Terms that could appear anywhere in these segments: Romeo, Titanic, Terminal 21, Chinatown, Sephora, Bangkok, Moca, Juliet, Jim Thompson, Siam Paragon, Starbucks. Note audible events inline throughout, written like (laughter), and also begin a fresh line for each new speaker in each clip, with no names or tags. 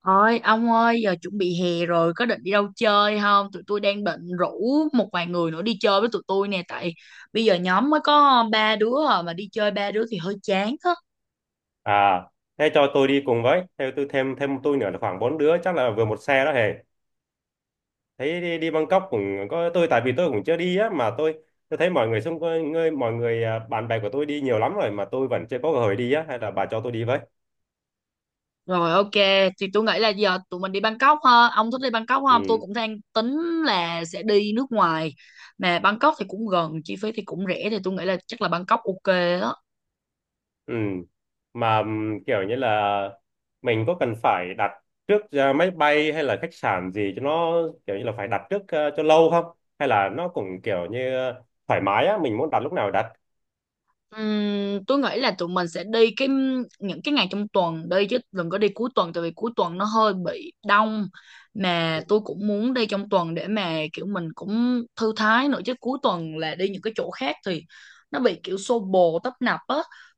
Ôi, ông ơi, giờ chuẩn bị hè rồi, có định đi đâu chơi không? Tụi tôi đang định rủ một vài người nữa đi chơi với tụi tôi nè, tại bây giờ nhóm mới có ba đứa à, mà đi chơi ba đứa thì hơi chán á.
À, thế cho tôi đi cùng với, theo tôi thêm thêm tôi nữa là khoảng bốn đứa, chắc là vừa một xe đó hề. Thấy đi, đi Bangkok cũng có tôi, tại vì tôi cũng chưa đi á, mà tôi thấy mọi người xung quanh người mọi người à, bạn bè của tôi đi nhiều lắm rồi mà tôi vẫn chưa có cơ hội đi á, hay là bà cho tôi đi với.
Rồi, ok, thì tôi nghĩ là giờ tụi mình đi Bangkok ha. Ông thích đi Bangkok không? Tôi
Ừ,
cũng đang tính là sẽ đi nước ngoài. Mà Bangkok thì cũng gần, chi phí thì cũng rẻ thì tôi nghĩ là chắc là Bangkok ok á.
ừ. Mà kiểu như là có cần phải đặt trước máy bay hay là khách sạn gì, cho nó kiểu như là phải đặt trước cho lâu không? Hay là nó cũng kiểu như thoải mái á, mình muốn đặt lúc nào đặt.
Tôi nghĩ là tụi mình sẽ đi những cái ngày trong tuần đi chứ đừng có đi cuối tuần tại vì cuối tuần nó hơi bị đông, mà tôi cũng muốn đi trong tuần để mà kiểu mình cũng thư thái nữa, chứ cuối tuần là đi những cái chỗ khác thì nó bị kiểu xô bồ tấp nập á.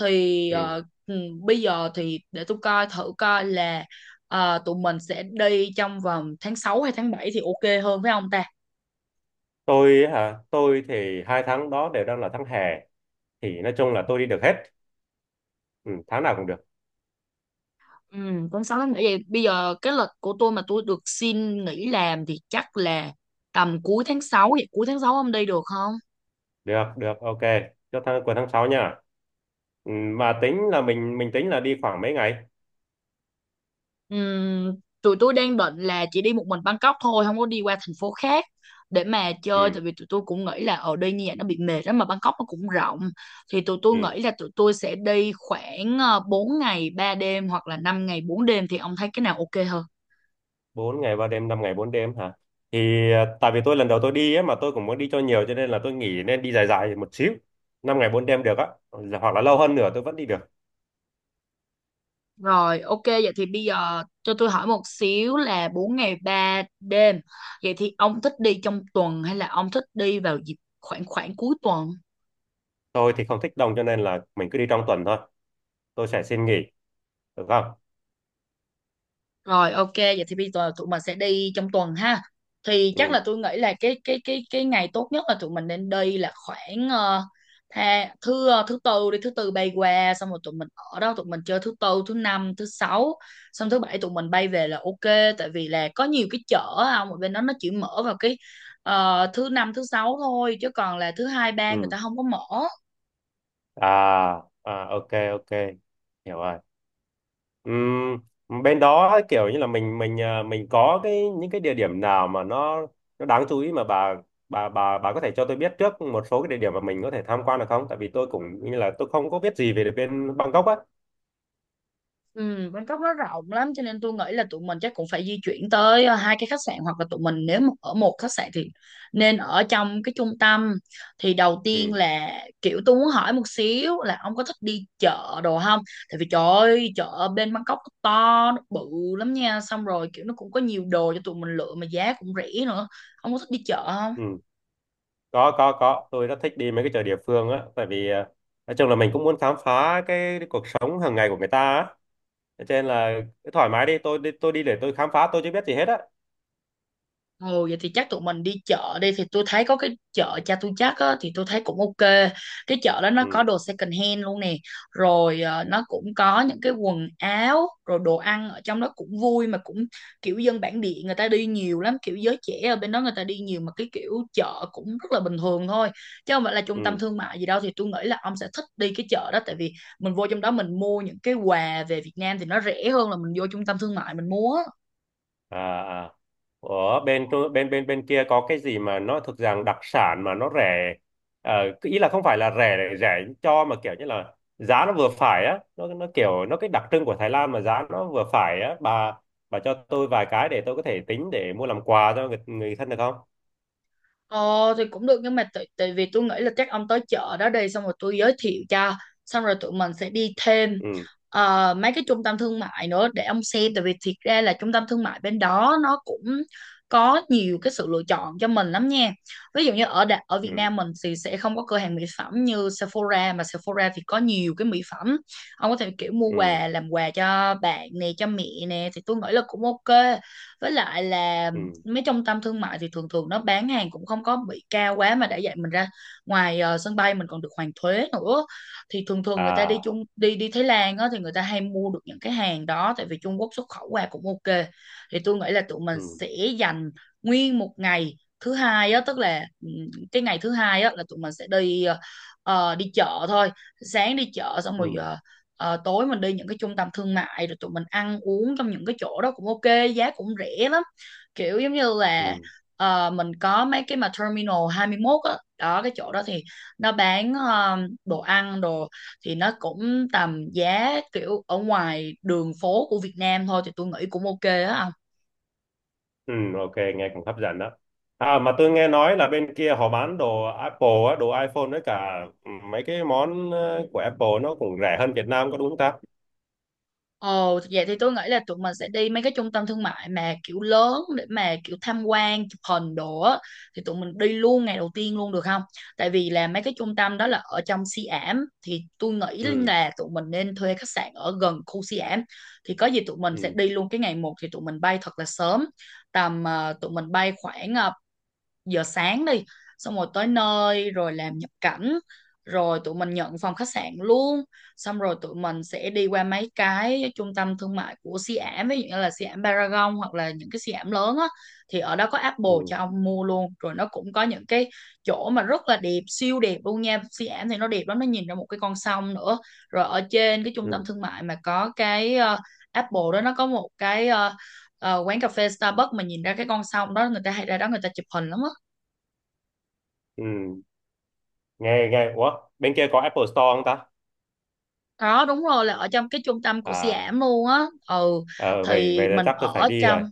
thì
Ừ.
ờ, Bây giờ thì để tôi coi thử coi là tụi mình sẽ đi trong vòng tháng 6 hay tháng 7 thì ok hơn phải không ta?
Tôi hả? Tôi thì hai tháng đó đều đang là tháng hè, thì nói chung là tôi đi được hết, ừ, tháng nào cũng được.
Ừ, con 6 tháng nghỉ vậy bây giờ cái lịch của tôi mà tôi được xin nghỉ làm thì chắc là tầm cuối tháng 6, vậy cuối tháng 6 ông đi được không?
Được được, ok, cho tháng cuối tháng 6 nha. Ừ, mà tính là mình tính là đi khoảng mấy ngày.
Ừ, tụi tôi đang định là chỉ đi một mình Bangkok thôi, không có đi qua thành phố khác để mà chơi,
Ừ,
tại vì tụi tôi cũng nghĩ là ở đây như vậy nó bị mệt lắm, mà Bangkok nó cũng rộng, thì tụi tôi
ừ.
nghĩ là tụi tôi sẽ đi khoảng 4 ngày 3 đêm hoặc là 5 ngày 4 đêm, thì ông thấy cái nào ok hơn?
4 ngày ba đêm, năm ngày bốn đêm hả? Thì tại vì tôi lần đầu tôi đi ấy, mà tôi cũng muốn đi cho nhiều, cho nên là tôi nghĩ nên đi dài dài một xíu, 5 ngày 4 đêm được á, hoặc là lâu hơn nữa tôi vẫn đi được.
Rồi, ok, vậy thì bây giờ cho tôi hỏi một xíu là 4 ngày 3 đêm. Vậy thì ông thích đi trong tuần hay là ông thích đi vào dịp khoảng khoảng cuối tuần?
Tôi thì không thích đông cho nên là mình cứ đi trong tuần thôi, tôi sẽ xin nghỉ được không?
Rồi, ok, vậy thì bây giờ tụi mình sẽ đi trong tuần ha. Thì chắc
Ừ,
là tôi nghĩ là cái ngày tốt nhất là tụi mình nên đi là khoảng thứ tư, đi thứ tư bay qua, xong rồi tụi mình ở đó tụi mình chơi thứ tư, thứ năm, thứ sáu, xong thứ bảy tụi mình bay về là ok, tại vì là có nhiều cái chợ không ở bên đó, nó chỉ mở vào cái thứ năm, thứ sáu thôi, chứ còn là thứ hai, ba người
ừ.
ta không có mở.
À, à, ok, ok, hiểu rồi. Bên đó kiểu như là mình mình có cái những cái địa điểm nào mà nó đáng chú ý, mà bà có thể cho tôi biết trước một số cái địa điểm mà mình có thể tham quan được không, tại vì tôi cũng như là tôi không có biết gì về bên Bangkok á.
Ừ, Bangkok nó rộng lắm, cho nên tôi nghĩ là tụi mình chắc cũng phải di chuyển tới hai cái khách sạn, hoặc là tụi mình nếu mà ở một khách sạn thì nên ở trong cái trung tâm. Thì đầu tiên
Ừ,
là kiểu tôi muốn hỏi một xíu là ông có thích đi chợ đồ không, tại vì trời ơi, chợ ở bên Bangkok nó to nó bự lắm nha, xong rồi kiểu nó cũng có nhiều đồ cho tụi mình lựa mà giá cũng rẻ nữa. Ông có thích đi chợ?
ừ. Có, tôi rất thích đi mấy cái chợ địa phương á, tại vì nói chung là mình cũng muốn khám phá cái cuộc sống hàng ngày của người ta á, cho nên là cứ thoải mái, đi tôi đi, để tôi khám phá, tôi chưa biết gì hết á.
Ồ vậy thì chắc tụi mình đi chợ đi, thì tôi thấy có cái chợ cha tôi chắc á, thì tôi thấy cũng ok. Cái chợ đó nó có
Ừ,
đồ second hand luôn nè, rồi nó cũng có những cái quần áo rồi đồ ăn ở trong đó cũng vui, mà cũng kiểu dân bản địa người ta đi nhiều lắm, kiểu giới trẻ ở bên đó người ta đi nhiều, mà cái kiểu chợ cũng rất là bình thường thôi chứ không phải là trung tâm
ừ.
thương mại gì đâu, thì tôi nghĩ là ông sẽ thích đi cái chợ đó, tại vì mình vô trong đó mình mua những cái quà về Việt Nam thì nó rẻ hơn là mình vô trung tâm thương mại mình mua á.
À, à, ở bên Trung- bên bên bên kia có cái gì mà nó thực rằng đặc sản mà nó rẻ, ờ, cái ý là không phải là rẻ để rẻ cho, mà kiểu như là giá nó vừa phải á, nó kiểu nó cái đặc trưng của Thái Lan mà giá nó vừa phải á, bà cho tôi vài cái để tôi có thể tính để mua làm quà cho người thân được không?
Ờ thì cũng được, nhưng mà tại tại vì tôi nghĩ là chắc ông tới chợ đó đi xong rồi tôi giới thiệu cho, xong rồi tụi mình sẽ đi thêm
Ừ,
mấy cái trung tâm thương mại nữa để ông xem, tại vì thiệt ra là trung tâm thương mại bên đó nó cũng có nhiều cái sự lựa chọn cho mình lắm nha. Ví dụ như ở Việt
ừ,
Nam mình thì sẽ không có cửa hàng mỹ phẩm như Sephora, mà Sephora thì có nhiều cái mỹ phẩm. Ông có thể kiểu mua
ừ,
quà làm quà cho bạn nè, cho mẹ nè, thì tôi nghĩ là cũng ok. Với lại là
ừ,
mấy trung tâm thương mại thì thường thường nó bán hàng cũng không có bị cao quá, mà đã dạy mình ra ngoài sân bay mình còn được hoàn thuế nữa, thì thường thường người ta đi
à,
Trung đi đi Thái Lan á thì người ta hay mua được những cái hàng đó, tại vì Trung Quốc xuất khẩu qua cũng ok. Thì tôi nghĩ là tụi mình
ừ,
sẽ dành nguyên một ngày thứ hai á, tức là cái ngày thứ hai á là tụi mình sẽ đi đi chợ thôi, sáng đi chợ xong rồi
ừ,
tối mình đi những cái trung tâm thương mại, rồi tụi mình ăn uống trong những cái chỗ đó cũng ok, giá cũng rẻ lắm, kiểu giống như là
ừ.
mình có mấy cái mà Terminal 21 á đó, cái chỗ đó thì nó bán đồ ăn đồ, thì nó cũng tầm giá kiểu ở ngoài đường phố của Việt Nam thôi, thì tôi nghĩ cũng ok á.
Ừ, ok, nghe cũng hấp dẫn đó. À, mà tôi nghe nói là bên kia họ bán đồ Apple á, đồ iPhone với cả ừ, mấy cái món của Apple nó cũng rẻ hơn Việt Nam, có đúng không ta?
Ồ, vậy thì tôi nghĩ là tụi mình sẽ đi mấy cái trung tâm thương mại mà kiểu lớn để mà kiểu tham quan, chụp hình đồ á. Thì tụi mình đi luôn ngày đầu tiên luôn được không? Tại vì là mấy cái trung tâm đó là ở trong Siam ảm, thì tôi nghĩ
Ừ,
là tụi mình nên thuê khách sạn ở gần khu Siam ảm. Thì có gì tụi mình sẽ
ừ,
đi luôn cái ngày một, thì tụi mình bay thật là sớm. Tầm tụi mình bay khoảng giờ sáng đi, xong rồi tới nơi rồi làm nhập cảnh, rồi tụi mình nhận phòng khách sạn luôn, xong rồi tụi mình sẽ đi qua mấy cái trung tâm thương mại của Siam, ví dụ như là Siam Paragon, hoặc là những cái Siam lớn á, thì ở đó có Apple
ừ,
cho ông mua luôn, rồi nó cũng có những cái chỗ mà rất là đẹp, siêu đẹp luôn nha. Siam thì nó đẹp lắm, nó nhìn ra một cái con sông nữa, rồi ở trên cái trung tâm
ừ,
thương mại mà có cái Apple đó nó có một cái quán cà phê Starbucks mà nhìn ra cái con sông đó, người ta hay ra đó người ta chụp hình lắm á.
ừ. Nghe, nghe, ủa, bên kia có Apple Store không ta?
Đó đúng rồi, là ở trong cái trung tâm của
À,
Siam luôn á. Ừ
ờ, vậy,
thì
vậy là chắc tôi phải đi rồi.
trong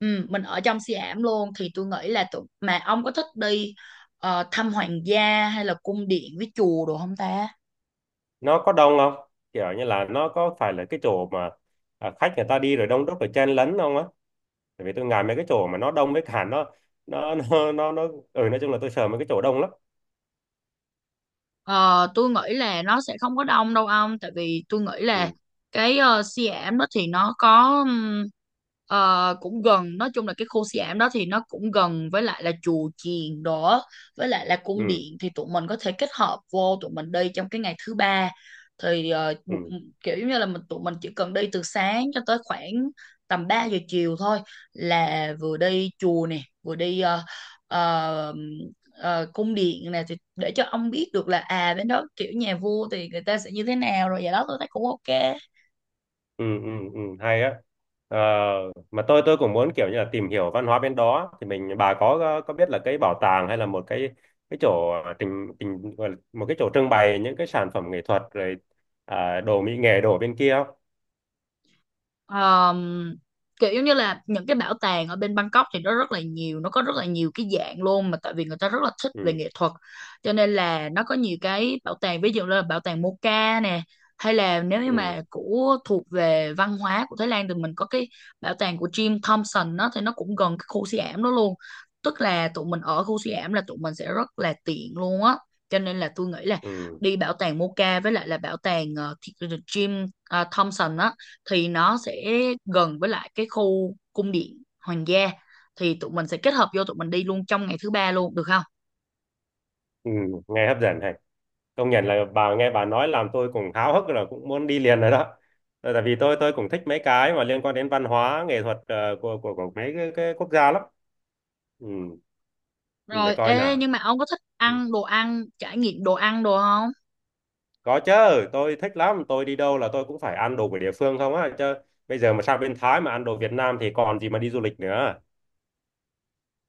ừ, mình ở trong Siam luôn, thì tôi nghĩ là tụi mà ông có thích đi thăm hoàng gia hay là cung điện với chùa đồ không ta?
Nó có đông không? Kiểu như là nó có phải là cái chỗ mà khách người ta đi rồi đông đúc rồi chen lấn không á? Tại vì tôi ngại mấy cái chỗ mà nó đông với cả nó, (laughs) nó, nó, nó, ừ, nói chung là tôi sợ mấy cái chỗ đông lắm.
Ờ, tôi nghĩ là nó sẽ không có đông đâu ông, tại vì tôi nghĩ là
Ừ.
cái Siam đó thì nó có cũng gần, nói chung là cái khu Siam đó thì nó cũng gần với lại là chùa chiền đó, với lại là cung
Ừ.
điện, thì tụi mình có thể kết hợp vô tụi mình đi trong cái ngày thứ ba, thì
Ừ,
kiểu như là tụi mình chỉ cần đi từ sáng cho tới khoảng tầm 3 giờ chiều thôi, là vừa đi chùa nè, vừa đi uh, cung điện này, thì để cho ông biết được là à bên đó kiểu nhà vua thì người ta sẽ như thế nào, rồi vậy đó tôi thấy cũng ok.
ừ, ừ, ừ, hay á. Ờ, mà tôi cũng muốn kiểu như là tìm hiểu văn hóa bên đó, thì mình bà có biết là cái bảo tàng, hay là một cái chỗ trình trình gọi là một cái chỗ trưng bày những cái sản phẩm nghệ thuật, rồi à, đồ mỹ nghệ đồ bên kia không?
Ờm, Kiểu giống như là những cái bảo tàng ở bên Bangkok thì nó rất là nhiều, nó có rất là nhiều cái dạng luôn, mà tại vì người ta rất là thích về
Ừ,
nghệ thuật, cho nên là nó có nhiều cái bảo tàng, ví dụ là bảo tàng Moca nè, hay là nếu như mà
ừ,
của thuộc về văn hóa của Thái Lan thì mình có cái bảo tàng của Jim Thompson đó, thì nó cũng gần cái khu suy ảm đó luôn, tức là tụi mình ở khu suy ảm là tụi mình sẽ rất là tiện luôn á. Cho nên là tôi nghĩ là
ừ,
đi bảo tàng Moca với lại là bảo tàng Jim Thompson á, thì nó sẽ gần với lại cái khu cung điện hoàng gia, thì tụi mình sẽ kết hợp vô tụi mình đi luôn trong ngày thứ ba luôn được không?
ừ, nghe hấp dẫn này. Công nhận là bà nghe bà nói làm tôi cũng háo hức rồi, cũng muốn đi liền rồi đó. Ờ, tại vì tôi cũng thích mấy cái mà liên quan đến văn hóa nghệ thuật của mấy cái quốc gia lắm. Ừ, để
Rồi
coi
ê,
nào.
nhưng mà ông có thích
Ừ.
ăn đồ ăn, trải nghiệm đồ ăn đồ không?
Có chứ, tôi thích lắm, tôi đi đâu là tôi cũng phải ăn đồ của địa phương không á, chứ bây giờ mà sang bên Thái mà ăn đồ Việt Nam thì còn gì mà đi du lịch nữa.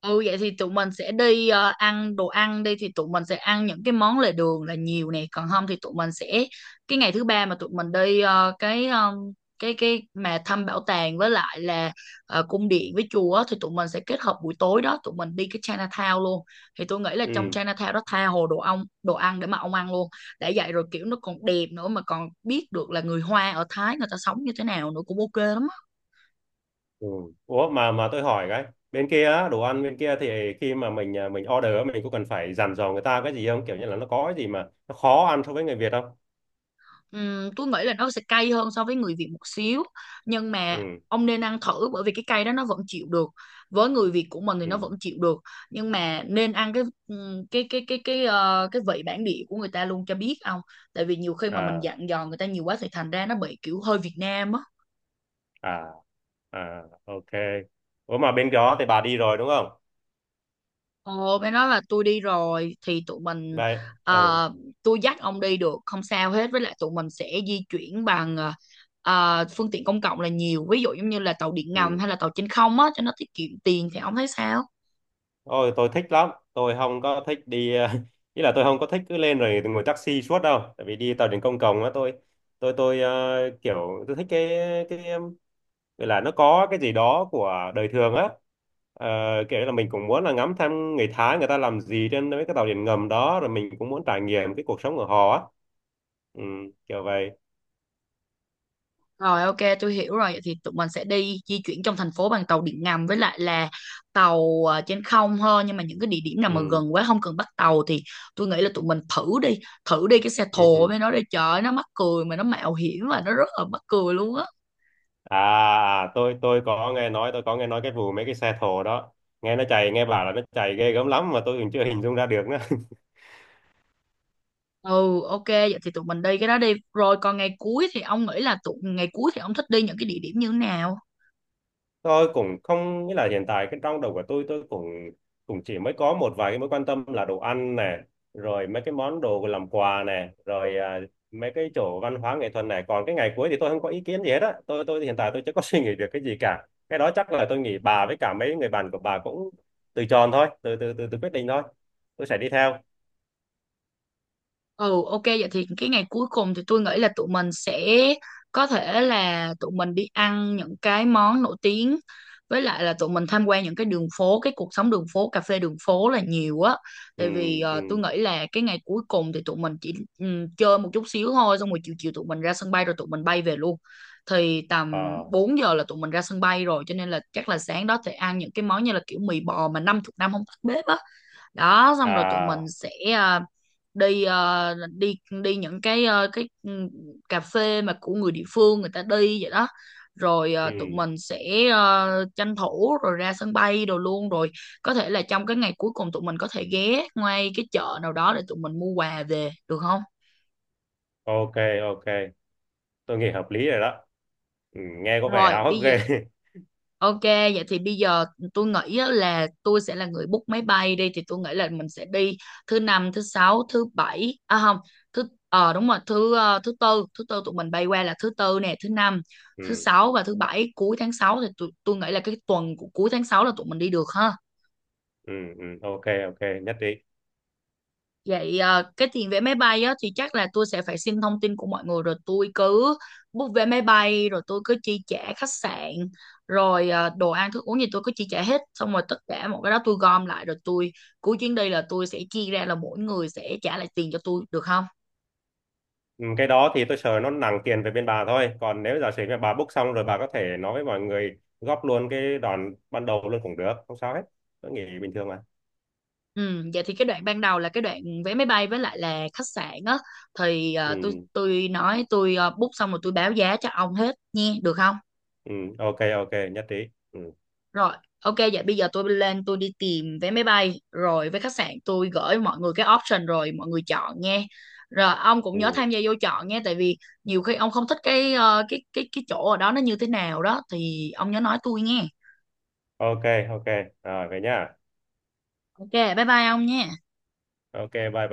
Ừ vậy thì tụi mình sẽ đi ăn đồ ăn đi thì tụi mình sẽ ăn những cái món lề đường là nhiều nè, còn không thì tụi mình sẽ cái ngày thứ ba mà tụi mình đi cái cái mà thăm bảo tàng với lại là cung điện với chùa á, thì tụi mình sẽ kết hợp buổi tối đó tụi mình đi cái Chinatown luôn. Thì tôi nghĩ là trong
Ừ.
Chinatown đó tha hồ đồ ông đồ ăn để mà ông ăn luôn. Đã vậy rồi kiểu nó còn đẹp nữa mà còn biết được là người Hoa ở Thái người ta sống như thế nào nữa cũng ok lắm.
Ừ. Ủa, mà tôi hỏi cái, bên kia á, đồ ăn bên kia thì khi mà mình order á, mình có cần phải dặn dò người ta cái gì không? Kiểu như là nó có cái gì mà nó khó ăn so với người Việt không?
Tôi nghĩ là nó sẽ cay hơn so với người Việt một xíu, nhưng mà
Ừ.
ông nên ăn thử bởi vì cái cay đó nó vẫn chịu được, với người Việt của mình thì nó vẫn
Ừ.
chịu được. Nhưng mà nên ăn cái cái vị bản địa của người ta luôn cho biết ông, tại vì nhiều khi mà mình
À,
dặn dò người ta nhiều quá thì thành ra nó bị kiểu hơi Việt Nam á.
à, à, ok. Ủa, mà bên đó thì bà đi rồi đúng không?
Ồ, mới nói là tôi đi rồi thì tụi mình
Đây. Ừ.
ờ, tôi dắt ông đi được không sao hết, với lại tụi mình sẽ di chuyển bằng phương tiện công cộng là nhiều, ví dụ giống như là tàu điện ngầm
Ừ.
hay là tàu trên không á cho nó tiết kiệm tiền thì ông thấy sao?
Ôi, tôi thích lắm. Tôi không có thích đi, (laughs) ý là tôi không có thích cứ lên rồi ngồi taxi suốt đâu. Tại vì đi tàu điện công cộng á, tôi kiểu tôi thích cái cái em, gọi là nó có cái gì đó của đời thường á. Ờ, kiểu là mình cũng muốn là ngắm thăm người Thái người ta làm gì trên mấy cái tàu điện ngầm đó, rồi mình cũng muốn trải nghiệm cái cuộc sống của họ á. Ừ, kiểu vậy.
Rồi, ok, tôi hiểu rồi. Vậy thì tụi mình sẽ đi di chuyển trong thành phố bằng tàu điện ngầm với lại là tàu trên không hơn, nhưng mà những cái địa điểm nào mà
Ừ,
gần quá không cần bắt tàu thì tôi nghĩ là tụi mình thử đi cái xe
ừ,
thồ
ừ.
với nó đi, trời ơi, nó mắc cười mà nó mạo hiểm và nó rất là mắc cười luôn á.
À, à, tôi có nghe nói, tôi có nghe nói cái vụ mấy cái xe thồ đó, nghe nó chạy, nghe bảo là nó chạy ghê gớm lắm, mà tôi cũng chưa (laughs) hình dung ra được nữa.
Ừ, ok, vậy thì tụi mình đi cái đó đi. Rồi còn ngày cuối thì ông nghĩ là tụi ngày cuối thì ông thích đi những cái địa điểm như thế nào?
(laughs) Tôi cũng không nghĩa là hiện tại cái trong đầu của tôi cũng cũng chỉ mới có một vài cái mối quan tâm là đồ ăn nè, rồi mấy cái món đồ làm quà nè, rồi à, mấy cái chỗ văn hóa nghệ thuật này, còn cái ngày cuối thì tôi không có ý kiến gì hết á, tôi hiện tại tôi chưa có (laughs) suy nghĩ được cái gì cả, cái đó chắc là tôi nghĩ bà với cả mấy người bạn của bà cũng từ tròn thôi, từ quyết định thôi, tôi sẽ đi theo.
Ừ, ok, vậy thì cái ngày cuối cùng thì tôi nghĩ là tụi mình sẽ có thể là tụi mình đi ăn những cái món nổi tiếng với lại là tụi mình tham quan những cái đường phố, cái cuộc sống đường phố, cà phê đường phố là nhiều á.
Ừ,
Tại vì tôi
ừ.
nghĩ là cái ngày cuối cùng thì tụi mình chỉ chơi một chút xíu thôi, xong rồi chiều chiều tụi mình ra sân bay rồi tụi mình bay về luôn. Thì tầm
Ờ,
4 giờ là tụi mình ra sân bay rồi cho nên là chắc là sáng đó thì ăn những cái món như là kiểu mì bò mà 50 năm không tắt bếp á. Đó xong rồi tụi mình
à,
sẽ đi đi đi những cái cà phê mà của người địa phương người ta đi vậy đó. Rồi tụi
ừ,
mình sẽ à, tranh thủ rồi ra sân bay đồ luôn. Rồi có thể là trong cái ngày cuối cùng tụi mình có thể ghé ngay cái chợ nào đó để tụi mình mua quà về được không?
ok, ok, tôi nghĩ hợp lý rồi đó. Ừ, nghe có vẻ
Rồi
háo hức
bây giờ.
ghê. (laughs)
Ok, vậy thì bây giờ tôi nghĩ á là tôi sẽ là người book máy bay đi thì tôi nghĩ là mình sẽ đi thứ năm, thứ sáu, thứ bảy, à không, thứ đúng rồi, thứ thứ tư tụi mình bay qua là thứ tư nè, thứ năm, thứ
Ừ,
sáu và thứ bảy cuối tháng sáu, thì tôi nghĩ là cái tuần của cuối tháng 6 là tụi mình đi được ha.
ừ, ừ, ok, ok, nhất trí.
Vậy cái tiền vé máy bay á, thì chắc là tôi sẽ phải xin thông tin của mọi người rồi tôi cứ book vé máy bay rồi tôi cứ chi trả khách sạn rồi đồ ăn thức uống gì tôi cứ chi trả hết, xong rồi tất cả mọi cái đó tôi gom lại rồi tôi cuối chuyến đi là tôi sẽ chia ra là mỗi người sẽ trả lại tiền cho tôi được không?
Ừ, cái đó thì tôi sợ nó nặng tiền về bên bà thôi, còn nếu giả sử mà bà book xong rồi bà có thể nói với mọi người góp luôn cái đoạn ban đầu luôn cũng được, không sao hết, tôi nghĩ bình thường mà.
Ừ, vậy thì cái đoạn ban đầu là cái đoạn vé máy bay với lại là khách sạn á, thì ờ,
Ừ,
tôi tôi nói tôi book xong rồi tôi báo giá cho ông hết nha được không?
ừ, ok, ok, nhất trí. Ừ,
Rồi, ok, vậy bây giờ tôi lên tôi đi tìm vé máy bay rồi với khách sạn tôi gửi mọi người cái option rồi mọi người chọn nghe. Rồi ông cũng nhớ
ừ,
tham gia vô chọn nghe, tại vì nhiều khi ông không thích cái ờ, cái chỗ ở đó nó như thế nào đó thì ông nhớ nói tôi nghe.
ok, ok, rồi về nhá.
Ok, bye bye ông nha.
Ok, bye bye.